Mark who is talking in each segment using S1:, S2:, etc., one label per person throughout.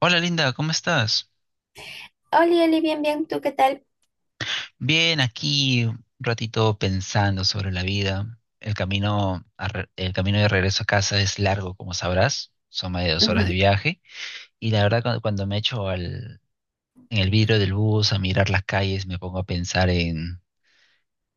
S1: Hola Linda, ¿cómo estás?
S2: Oli, Oli, bien, bien, ¿tú qué tal?
S1: Bien, aquí un ratito pensando sobre la vida. El camino, el camino de regreso a casa es largo, como sabrás. Son más de 2 horas de
S2: Ujú.
S1: viaje. Y la verdad, cuando me echo al, en el vidrio del bus a mirar las calles, me pongo a pensar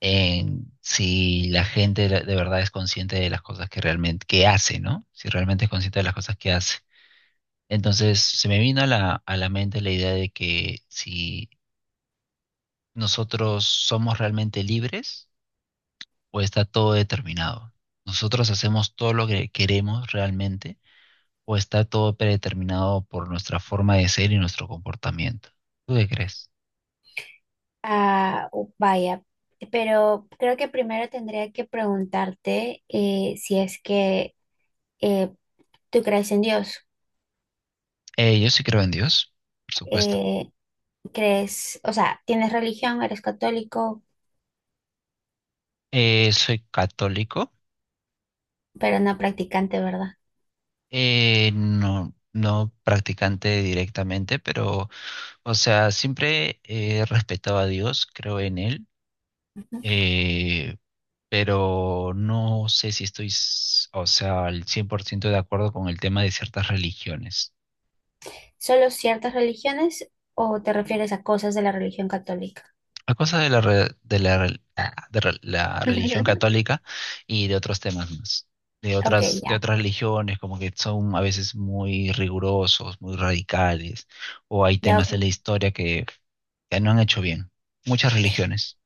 S1: en si la gente de verdad es consciente de las cosas que realmente que hace, ¿no? Si realmente es consciente de las cosas que hace. Entonces, se me vino a la mente la idea de que si ¿nosotros somos realmente libres o está todo determinado? ¿Nosotros hacemos todo lo que queremos realmente o está todo predeterminado por nuestra forma de ser y nuestro comportamiento? ¿Tú qué crees?
S2: Ah, oh, vaya, pero creo que primero tendría que preguntarte si es que eh, tú crees en Dios.
S1: Yo sí creo en Dios, por supuesto.
S2: Eh, crees, o sea, tienes religión, eres católico,
S1: Soy católico,
S2: pero no practicante, ¿verdad?
S1: no, no practicante directamente, pero, o sea, siempre he respetado a Dios, creo en Él.
S2: Ujú.
S1: Eh, pero no sé si estoy, o sea, al 100% de acuerdo con el tema de ciertas religiones.
S2: ¿Solo ciertas religiones o te refieres a cosas de la religión católica?
S1: A cosas de la, re- de la, rel- ah, de re- la religión católica y de otros temas más.
S2: Ok,
S1: De
S2: ya,
S1: otras religiones, como que son a veces muy rigurosos, muy radicales, o hay
S2: ya,
S1: temas en
S2: ok.
S1: la historia que no han hecho bien. Muchas religiones.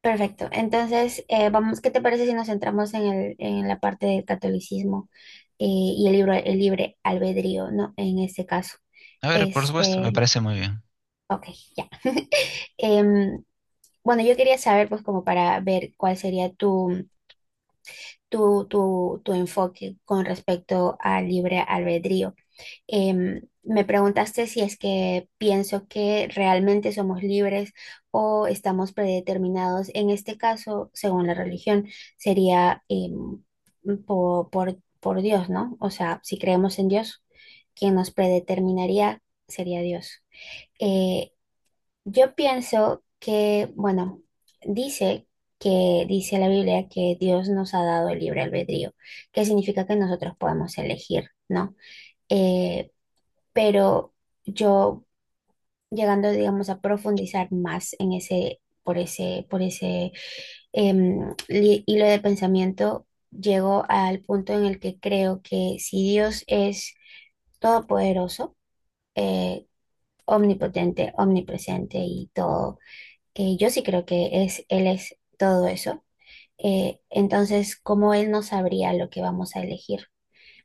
S2: Perfecto. Entonces, vamos, ¿qué te parece si nos centramos en la parte del catolicismo y el libre albedrío, ¿no? En este caso.
S1: A ver, por supuesto, me
S2: Este,
S1: parece muy bien.
S2: ok, ya. Em, bueno, yo quería saber, pues, como para ver cuál sería tu enfoque con respecto al libre albedrío. Me preguntaste si es que pienso que realmente somos libres o estamos predeterminados. En este caso, según la religión, sería por Dios, ¿no? O sea, si creemos en Dios, quien nos predeterminaría sería Dios. Eh, yo pienso que, bueno, dice dice la Biblia que Dios nos ha dado el libre albedrío, que significa que nosotros podemos elegir, ¿no? Eh, pero yo llegando, digamos, a profundizar más en ese hilo de pensamiento, llego al punto en el que creo que si Dios es todopoderoso, eh, omnipotente, omnipresente y todo, que yo sí creo que es, Él es todo eso, entonces, ¿cómo Él no sabría lo que vamos a elegir?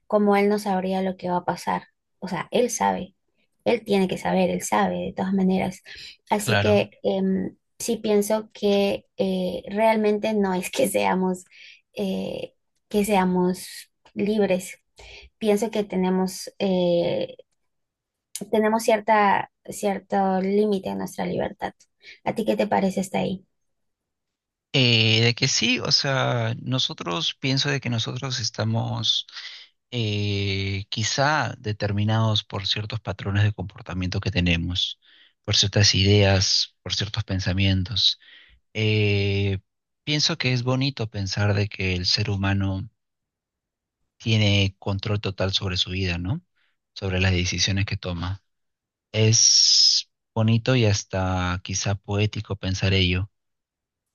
S2: Como él no sabría lo que va a pasar. O sea, él sabe, él tiene que saber, él sabe de todas maneras. Así
S1: Claro.
S2: que sí pienso que realmente no es eh, que seamos libres. Pienso que tenemos, tenemos cierto límite en nuestra libertad. ¿A ti qué te parece hasta ahí?
S1: De que sí, o sea, nosotros pienso de que nosotros estamos quizá determinados por ciertos patrones de comportamiento que tenemos, por ciertas ideas, por ciertos pensamientos. Eh, Pienso que es bonito pensar de que el ser humano tiene control total sobre su vida, ¿no? Sobre las decisiones que toma. Es bonito y hasta quizá poético pensar ello,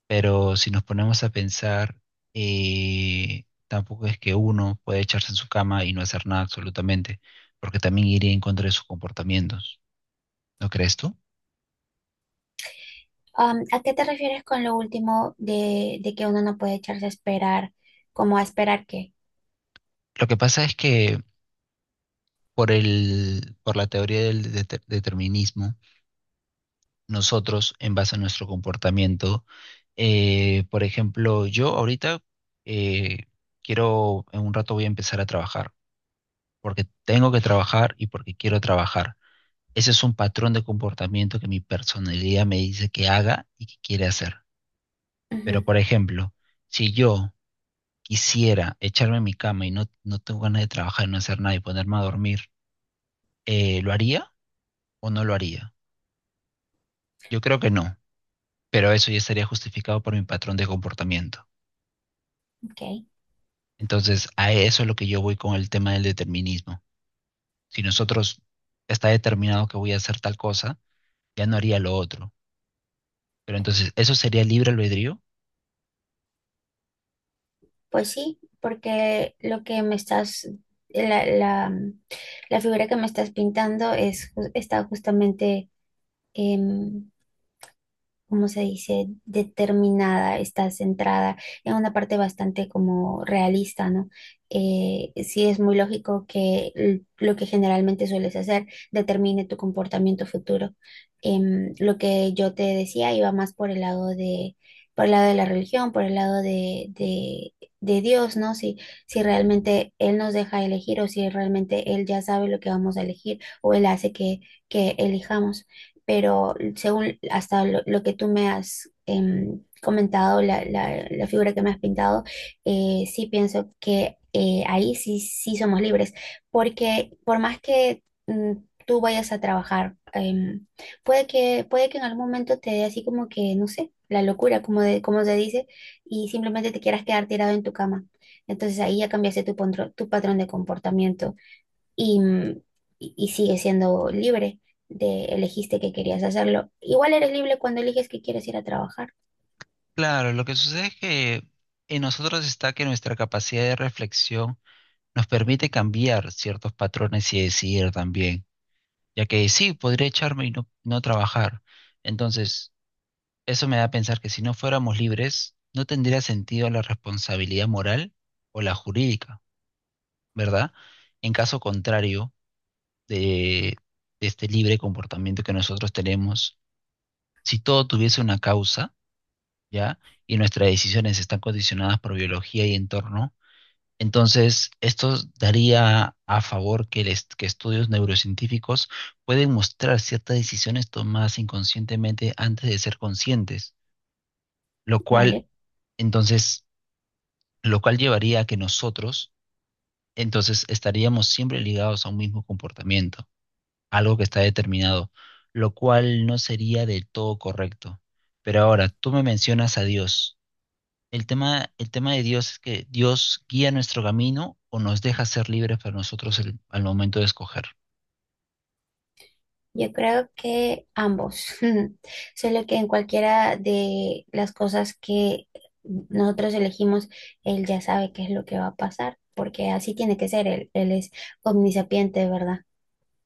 S1: pero si nos ponemos a pensar, tampoco es que uno puede echarse en su cama y no hacer nada absolutamente, porque también iría en contra de sus comportamientos. ¿No crees tú?
S2: ¿A qué te refieres con lo último de que uno no puede echarse a esperar? ¿Cómo a esperar qué?
S1: Lo que pasa es que por la teoría del determinismo, nosotros, en base a nuestro comportamiento, por ejemplo, yo ahorita eh, quiero, en un rato voy a empezar a trabajar, porque tengo que trabajar y porque quiero trabajar. Ese es un patrón de comportamiento que mi personalidad me dice que haga y que quiere hacer.
S2: Ujú,
S1: Pero, por ejemplo, si yo quisiera echarme en mi cama y no, no tengo ganas de trabajar, no hacer nada y ponerme a dormir, ¿lo haría o no lo haría? Yo creo que no, pero eso ya estaría justificado por mi patrón de comportamiento.
S2: ok.
S1: Entonces, a eso es lo que yo voy con el tema del determinismo. Si nosotros está determinado que voy a hacer tal cosa, ya no haría lo otro. Pero entonces, ¿eso sería libre albedrío?
S2: Pues sí, porque lo que me estás, la, la, la figura que me estás pintando es, está justamente em, cómo se dice, determinada, está centrada en una parte bastante como realista, ¿no? Sí es muy lógico que lo que generalmente sueles hacer determine tu comportamiento futuro. Lo que yo te decía iba más por el lado de, por el lado de la religión, por el lado de Dios, ¿no? Si, si realmente Él nos deja elegir o si realmente Él ya sabe lo que vamos a elegir o Él hace que elijamos, pero según hasta lo que tú me has comentado, la figura que me has pintado, sí pienso que ahí sí, sí somos libres, porque por más que tú vayas a trabajar, puede que en algún momento te dé así como que, no sé, la locura, como, de, como se dice, y simplemente te quieras quedar tirado en tu cama. Entonces ahí ya cambiaste tu, tu patrón de comportamiento y, y sigue siendo libre de elegiste que querías hacerlo. Igual eres libre cuando eliges que quieres ir a trabajar,
S1: Claro, lo que sucede es que en nosotros está que nuestra capacidad de reflexión nos permite cambiar ciertos patrones y decidir también, ya que sí, podría echarme y no, no trabajar. Entonces, eso me da a pensar que si no fuéramos libres, no tendría sentido la responsabilidad moral o la jurídica, ¿verdad? En caso contrario de, de este libre comportamiento que nosotros tenemos, si todo tuviese una causa, ¿ya? Y nuestras decisiones están condicionadas por biología y entorno. Entonces, esto daría a favor que, el que estudios neurocientíficos pueden mostrar ciertas decisiones tomadas inconscientemente antes de ser conscientes, lo cual,
S2: ¿vale?
S1: entonces, lo cual llevaría a que nosotros, entonces, estaríamos siempre ligados a un mismo comportamiento, algo que está determinado, lo cual no sería del todo correcto. Pero ahora, tú me mencionas a Dios. El tema de Dios es que Dios guía nuestro camino o nos deja ser libres para nosotros al momento de escoger.
S2: Yo creo que ambos, solo que en cualquiera de las cosas que nosotros elegimos, él ya sabe qué es lo que va a pasar, porque así tiene que ser, él es omnisapiente, ¿verdad?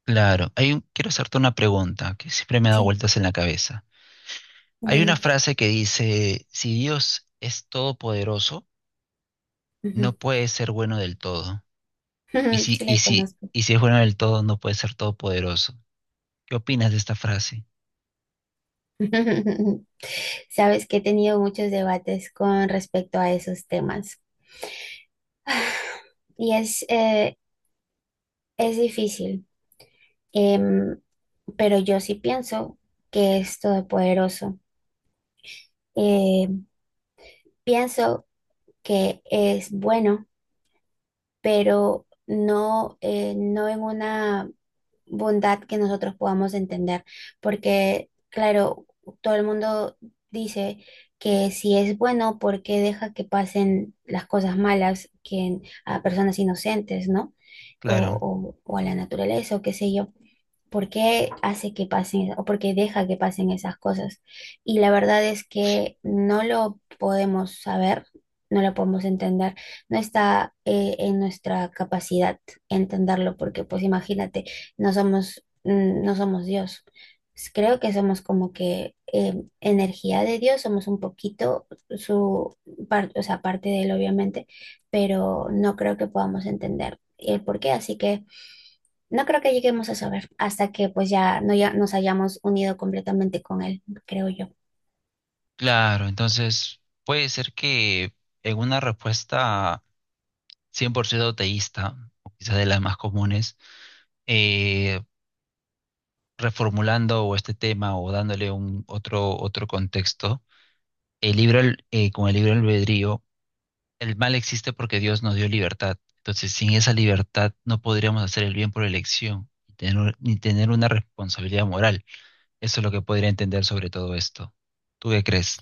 S1: Claro, quiero hacerte una pregunta que siempre me ha dado
S2: Sí,
S1: vueltas en la cabeza. Hay una
S2: dime.
S1: frase que dice, si Dios es todopoderoso,
S2: Ujú.
S1: no puede ser bueno del todo. Y si,
S2: Sí,
S1: y
S2: le
S1: si,
S2: conozco.
S1: y si es bueno del todo, no puede ser todopoderoso. ¿Qué opinas de esta frase?
S2: Sabes que he tenido muchos debates con respecto a esos temas. Y es difícil, em, pero yo sí pienso que es todopoderoso. Eh, pienso que es bueno, pero no, no en una bondad que nosotros podamos entender, porque claro, todo el mundo dice que si es bueno, ¿por qué deja que pasen las cosas malas que, a personas inocentes, ¿no?
S1: Claro,
S2: O, o a la naturaleza o qué sé yo. ¿Por qué hace que pasen o por qué deja que pasen esas cosas? Y la verdad es que no lo podemos saber, no lo podemos entender, no está en nuestra capacidad entenderlo, porque pues imagínate, no somos, no somos Dios. Creo que somos como que energía de Dios, somos un poquito su parte, o sea, parte de él obviamente, pero no creo que podamos entender el por qué, así que no creo que lleguemos a saber hasta que pues ya, no, ya nos hayamos unido completamente con él, creo yo.
S1: claro. Entonces, puede ser que en una respuesta 100% teísta, o quizás de las más comunes, eh, reformulando o este tema o dándole un otro, otro contexto, el libro, con el libro albedrío, el mal existe porque Dios nos dio libertad. Entonces, sin esa libertad no podríamos hacer el bien por elección ni tener, ni tener una responsabilidad moral. Eso es lo que podría entender sobre todo esto. ¿Tú qué crees?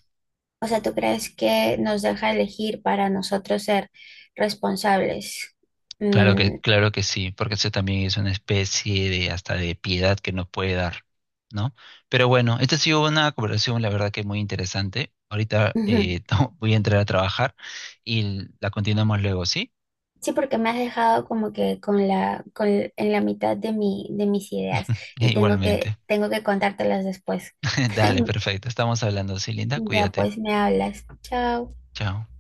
S2: O sea, ¿tú crees que nos deja elegir para nosotros ser responsables? Mm,
S1: Claro que sí, porque eso también es una especie de hasta de piedad que nos puede dar, ¿no? Pero bueno, esta ha sido una conversación, la verdad que muy interesante. Ahorita
S2: ujú.
S1: voy a entrar a trabajar y la continuamos luego, ¿sí?
S2: Sí, porque me has dejado como que con con, en la mitad de mis ideas y
S1: Igualmente.
S2: tengo que contártelas después.
S1: Dale, perfecto. Estamos hablando, sí, linda.
S2: Ya
S1: Cuídate.
S2: pues me hablas. Chao.
S1: Chao.